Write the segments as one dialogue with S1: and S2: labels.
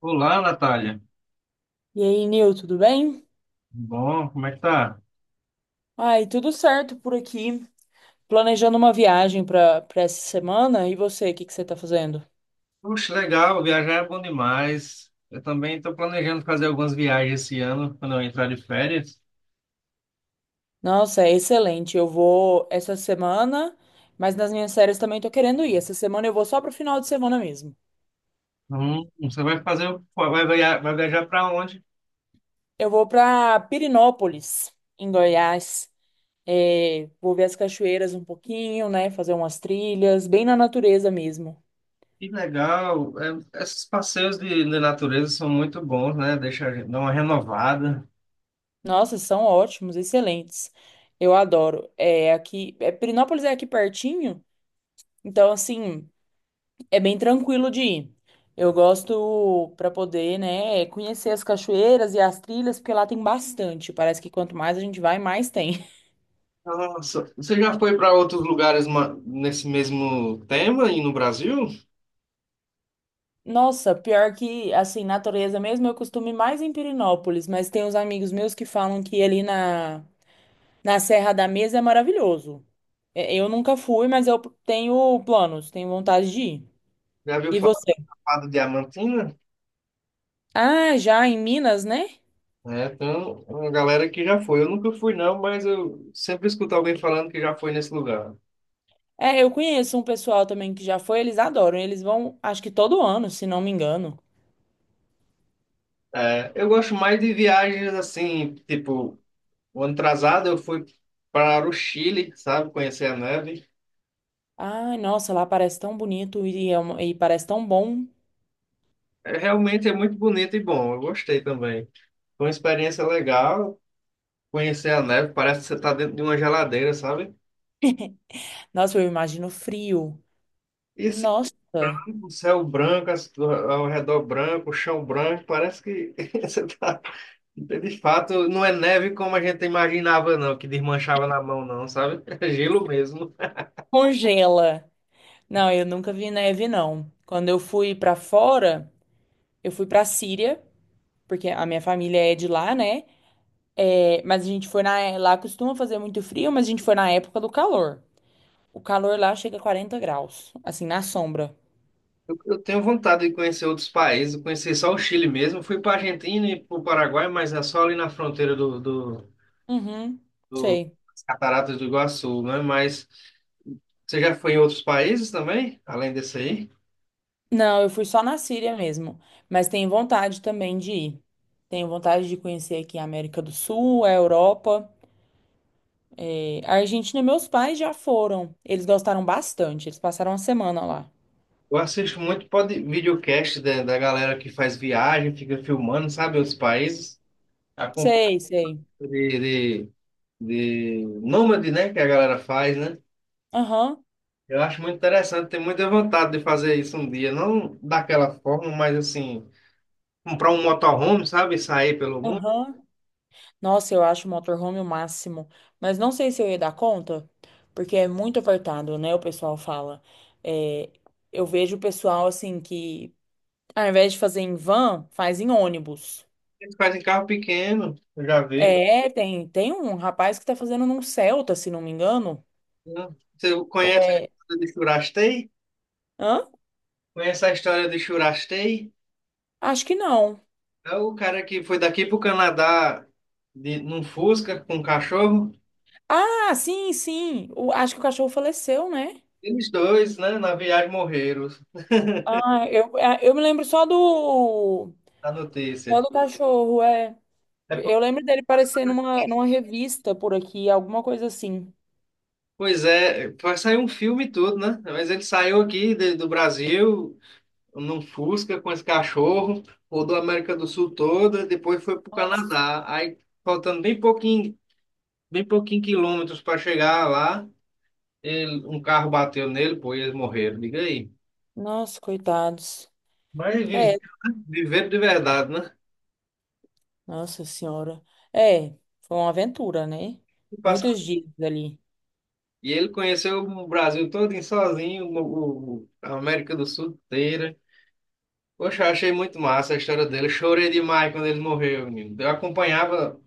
S1: Olá, Natália.
S2: E aí, Nil, tudo bem?
S1: Bom, como é que tá?
S2: Ai, tudo certo por aqui. Planejando uma viagem para essa semana. E você, o que que você tá fazendo?
S1: Puxa, legal, viajar é bom demais. Eu também estou planejando fazer algumas viagens esse ano, quando eu entrar de férias.
S2: Nossa, é excelente. Eu vou essa semana, mas nas minhas férias também tô querendo ir. Essa semana eu vou só pro final de semana mesmo.
S1: Você vai fazer, vai viajar para onde?
S2: Eu vou para Pirinópolis, em Goiás. É, vou ver as cachoeiras um pouquinho, né? Fazer umas trilhas, bem na natureza mesmo.
S1: Que legal. É, esses passeios de natureza são muito bons, né? Deixa a gente dar uma renovada.
S2: Nossa, são ótimos, excelentes. Eu adoro. É aqui, é, Pirinópolis é aqui pertinho. Então, assim, é bem tranquilo de ir. Eu gosto para poder, né, conhecer as cachoeiras e as trilhas, porque lá tem bastante. Parece que quanto mais a gente vai, mais tem.
S1: Nossa, você já foi para outros lugares nesse mesmo tema aí no Brasil?
S2: Nossa, pior que, assim, natureza mesmo, eu costumo ir mais em Pirinópolis mas tem uns amigos meus que falam que ali na, na Serra da Mesa é maravilhoso. É, eu nunca fui, mas eu tenho planos, tenho vontade de ir.
S1: Já viu
S2: E você?
S1: falar do Diamantina?
S2: Ah, já em Minas, né?
S1: É, então, uma galera que já foi. Eu nunca fui, não, mas eu sempre escuto alguém falando que já foi nesse lugar.
S2: É, eu conheço um pessoal também que já foi, eles adoram. Eles vão, acho que todo ano, se não me engano.
S1: É, eu gosto mais de viagens assim, tipo, o ano atrasado eu fui para o Chile, sabe, conhecer a neve.
S2: Ai, nossa, lá parece tão bonito e, é uma- e parece tão bom.
S1: É, realmente é muito bonito e bom, eu gostei também. Foi uma experiência legal conhecer a neve, parece que você está dentro de uma geladeira, sabe?
S2: Nossa, eu imagino frio.
S1: E assim,
S2: Nossa,
S1: o céu branco, ao redor branco, o chão branco, parece que você está. Então, de fato, não é neve como a gente imaginava, não, que desmanchava na mão, não, sabe? É gelo mesmo.
S2: congela. Não, eu nunca vi neve, não. Quando eu fui pra fora, eu fui pra Síria, porque a minha família é de lá, né? É, mas a gente foi na, lá costuma fazer muito frio, mas a gente foi na época do calor. O calor lá chega a 40 graus, assim, na sombra.
S1: Eu tenho vontade de conhecer outros países, eu conheci só o Chile mesmo. Fui para a Argentina e para o Paraguai, mas é só ali na fronteira do, do,
S2: Uhum,
S1: do-
S2: sei.
S1: das Cataratas do Iguaçu, né? Mas você já foi em outros países também, além desse aí?
S2: Não, eu fui só na Síria mesmo, mas tenho vontade também de ir. Tenho vontade de conhecer aqui a América do Sul, a Europa. A Argentina, meus pais já foram. Eles gostaram bastante. Eles passaram uma semana lá.
S1: Eu assisto muito pod, videocast da galera que faz viagem, fica filmando, sabe, outros países. Acompanho
S2: Sei, sei.
S1: de, de, de nômade, né, que a galera faz, né?
S2: Aham,
S1: Eu acho muito interessante, tenho muita vontade de fazer isso um dia. Não daquela forma, mas assim, comprar um motorhome, sabe? Sair pelo mundo.
S2: aham. Nossa, eu acho o motorhome o máximo. Mas não sei se eu ia dar conta, porque é muito apertado, né? O pessoal fala. Eh, eu vejo o pessoal assim que, ao invés de fazer em van, faz em ônibus.
S1: Eles fazem carro pequeno, eu já vi.
S2: É, tem um rapaz que tá fazendo num Celta, se não me engano.
S1: Né? Você
S2: Ou
S1: conhece a
S2: é.
S1: história de Churastei?
S2: Hã?
S1: Conhece a história de Churastei?
S2: Acho que não.
S1: É o cara que foi daqui pro Canadá num Fusca com um cachorro.
S2: Ah, sim, sim. O- acho que o cachorro faleceu, né?
S1: Eles dois, né, na viagem morreram,
S2: Ah, eu, é, eu me lembro só do.
S1: a
S2: Só
S1: notícia.
S2: do cachorro, é.
S1: É,
S2: Eu lembro dele aparecer numa, numa revista por aqui, alguma coisa assim.
S1: pois é, vai sair um filme e tudo, né? Mas ele saiu aqui do Brasil num Fusca com esse cachorro, rodou a América do Sul toda, depois foi pro
S2: Nossa,
S1: Canadá. Aí, faltando bem pouquinho quilômetros para chegar lá, um carro bateu nele, pô, e eles morreram. Diga aí.
S2: nossa, coitados.
S1: Mas
S2: É,
S1: viveram de verdade, né?
S2: nossa senhora. É, foi uma aventura, né?
S1: E
S2: Muitos dias ali.
S1: e ele conheceu o Brasil todo sozinho, a América do Sul inteira. Poxa, eu achei muito massa a história dele. Eu chorei demais quando ele morreu, menino. Eu acompanhava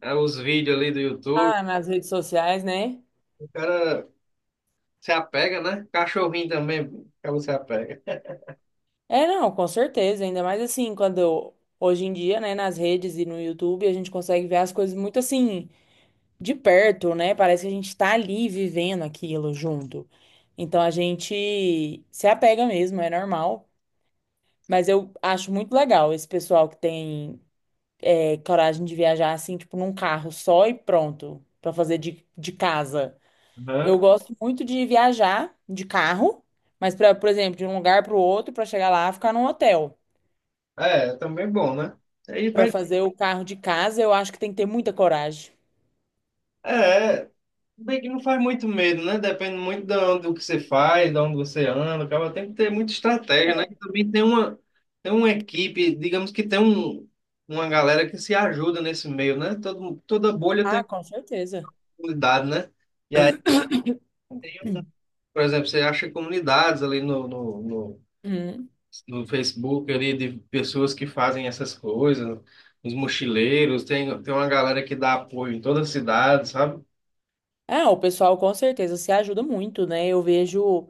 S1: os vídeos ali do YouTube.
S2: Ah, nas redes sociais, né?
S1: O cara se apega, né? Cachorrinho também, que você apega.
S2: É, não, com certeza. Ainda mais assim, quando hoje em dia, né, nas redes e no YouTube, a gente consegue ver as coisas muito assim, de perto, né? Parece que a gente tá ali vivendo aquilo junto. Então a gente se apega mesmo, é normal. Mas eu acho muito legal esse pessoal que tem coragem de viajar assim, tipo, num carro só e pronto, pra fazer de casa.
S1: Aham.
S2: Eu gosto muito de viajar de carro, mas pra, por exemplo, de um lugar pro outro, pra chegar lá, e ficar num hotel.
S1: É, também bom, né? Aí
S2: Para
S1: vai.
S2: fazer o carro de casa, eu acho que tem que ter muita coragem.
S1: É, bem que não faz muito medo, né? Depende muito do que você faz, de onde você anda. Acaba tem que ter muita estratégia, né? E também tem uma equipe, digamos que tem um, uma galera que se ajuda nesse meio, né? Toda bolha
S2: Ah,
S1: tem
S2: com certeza.
S1: comunidade, né? E aí tem, por exemplo, você acha comunidades ali no
S2: Hum.
S1: no Facebook ali de pessoas que fazem essas coisas, os mochileiros, tem uma galera que dá apoio em toda a cidade, sabe?
S2: Ah, o pessoal com certeza se ajuda muito, né? Eu vejo,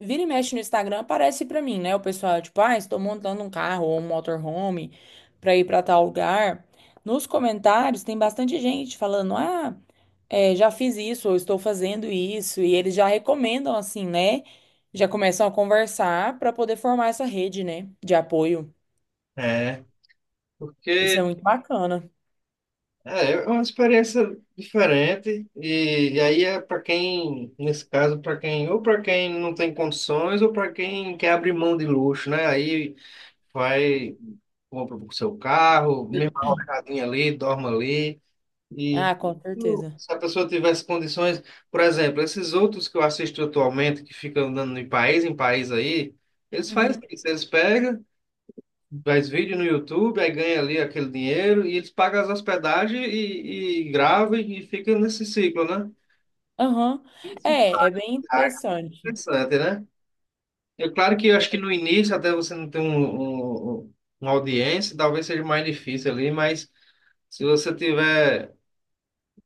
S2: vira e mexe no Instagram, aparece pra mim, né? O pessoal, tipo, ah, estou montando um carro ou um motorhome pra ir pra tal lugar. Nos comentários tem bastante gente falando, ah, é, já fiz isso, ou estou fazendo isso, e eles já recomendam, assim, né? Já começam a conversar pra poder formar essa rede, né? De apoio.
S1: É,
S2: Isso é
S1: porque
S2: muito bacana.
S1: é, é uma experiência diferente e aí é para quem, nesse caso, para quem ou para quem não tem condições ou para quem quer abrir mão de luxo, né? Aí vai, compra o seu carro, mesma rocadinha ali, dorme ali. E
S2: Ah, com certeza.
S1: se a pessoa tivesse condições, por exemplo, esses outros que eu assisto atualmente, que ficam andando de país em país aí, eles fazem
S2: Uhum.
S1: isso, eles pegam, faz vídeo no YouTube, aí ganha ali aquele dinheiro e eles pagam as hospedagens e gravam e fica nesse ciclo, né?
S2: Aham.
S1: Isso
S2: É, é bem
S1: é
S2: interessante.
S1: interessante, né? É claro que eu acho que no início, até você não ter uma audiência, talvez seja mais difícil ali, mas se você tiver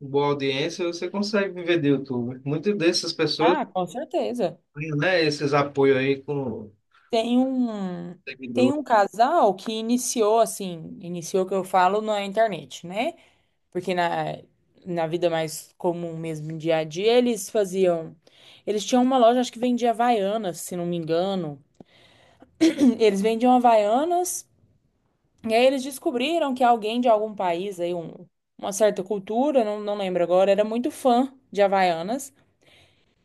S1: boa audiência, você consegue viver do YouTube. Muitas dessas pessoas
S2: Ah, com certeza.
S1: têm, né, esses apoios aí com
S2: Tem um, tem
S1: seguidor.
S2: um casal que iniciou assim, iniciou o que eu falo na internet, né? Porque na, na vida mais comum mesmo, dia a dia, eles faziam. Eles tinham uma loja, acho que vendia Havaianas, se não me engano. Eles vendiam Havaianas, e aí eles descobriram que alguém de algum país aí, um, uma certa cultura, não, não lembro agora, era muito fã de Havaianas.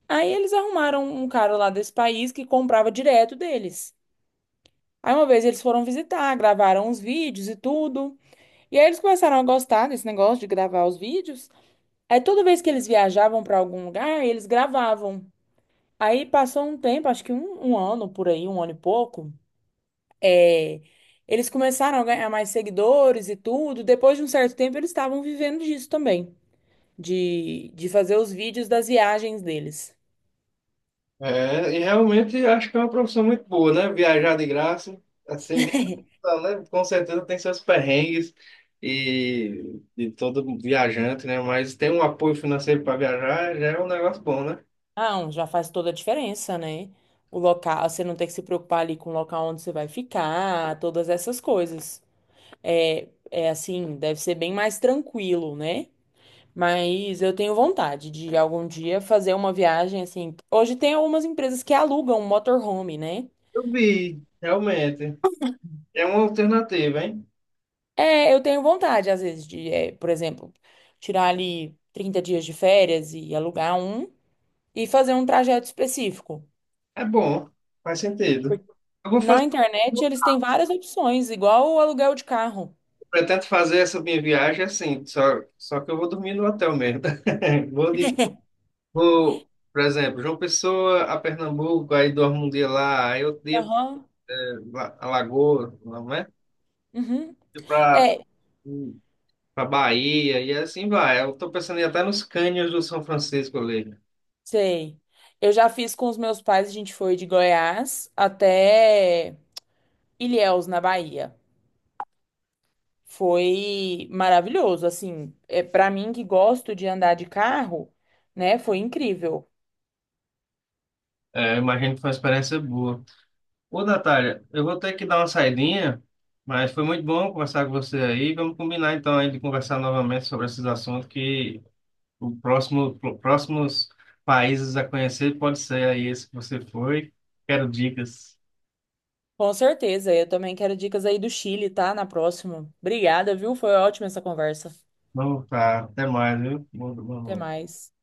S2: Aí eles arrumaram um cara lá desse país que comprava direto deles. Aí uma vez eles foram visitar, gravaram uns vídeos e tudo. E aí eles começaram a gostar desse negócio de gravar os vídeos. Aí toda vez que eles viajavam para algum lugar, eles gravavam. Aí passou um tempo, acho que um ano por aí, um ano e pouco. É, eles começaram a ganhar mais seguidores e tudo. Depois de um certo tempo, eles estavam vivendo disso também, de fazer os vídeos das viagens deles.
S1: É, e realmente acho que é uma profissão muito boa, né? Viajar de graça, assim, né? Com certeza tem seus perrengues e de todo viajante, né? Mas ter um apoio financeiro para viajar já é um negócio bom, né?
S2: Não, já faz toda a diferença, né? O local, você não tem que se preocupar ali com o local onde você vai ficar, todas essas coisas. É, é assim, deve ser bem mais tranquilo, né? Mas eu tenho vontade de algum dia fazer uma viagem assim. Hoje tem algumas empresas que alugam um motorhome, né?
S1: Eu vi, realmente. É uma alternativa, hein?
S2: É, eu tenho vontade, às vezes, de, é, por exemplo, tirar ali 30 dias de férias e alugar um e fazer um trajeto específico.
S1: É bom, faz sentido. Eu vou fazer.
S2: Na internet, eles têm várias opções, igual o aluguel de carro.
S1: Pretendo fazer essa minha viagem assim, só, só que eu vou dormir no hotel mesmo. Vou, de- vou, por exemplo, João Pessoa a Pernambuco, aí dormo um dia lá, aí outro dia
S2: Aham.
S1: a Lagoa, não é?
S2: Uhum.
S1: Para
S2: É,
S1: para Bahia, e assim vai. Eu estou pensando em ir até nos cânions do São Francisco ali.
S2: sei. Eu já fiz com os meus pais, a gente foi de Goiás até Ilhéus, na Bahia. Foi maravilhoso, assim, é para mim que gosto de andar de carro, né? Foi incrível.
S1: É, eu imagino que foi uma experiência boa. Ô, Natália, eu vou ter que dar uma saidinha, mas foi muito bom conversar com você aí. Vamos combinar então aí de conversar novamente sobre esses assuntos que o próximo, próximos países a conhecer pode ser aí esse que você foi. Quero dicas.
S2: Com certeza. Eu também quero dicas aí do Chile, tá? Na próxima. Obrigada, viu? Foi ótima essa conversa.
S1: Vamos, tá. Até mais, viu? Bom,
S2: Até
S1: bom,
S2: mais.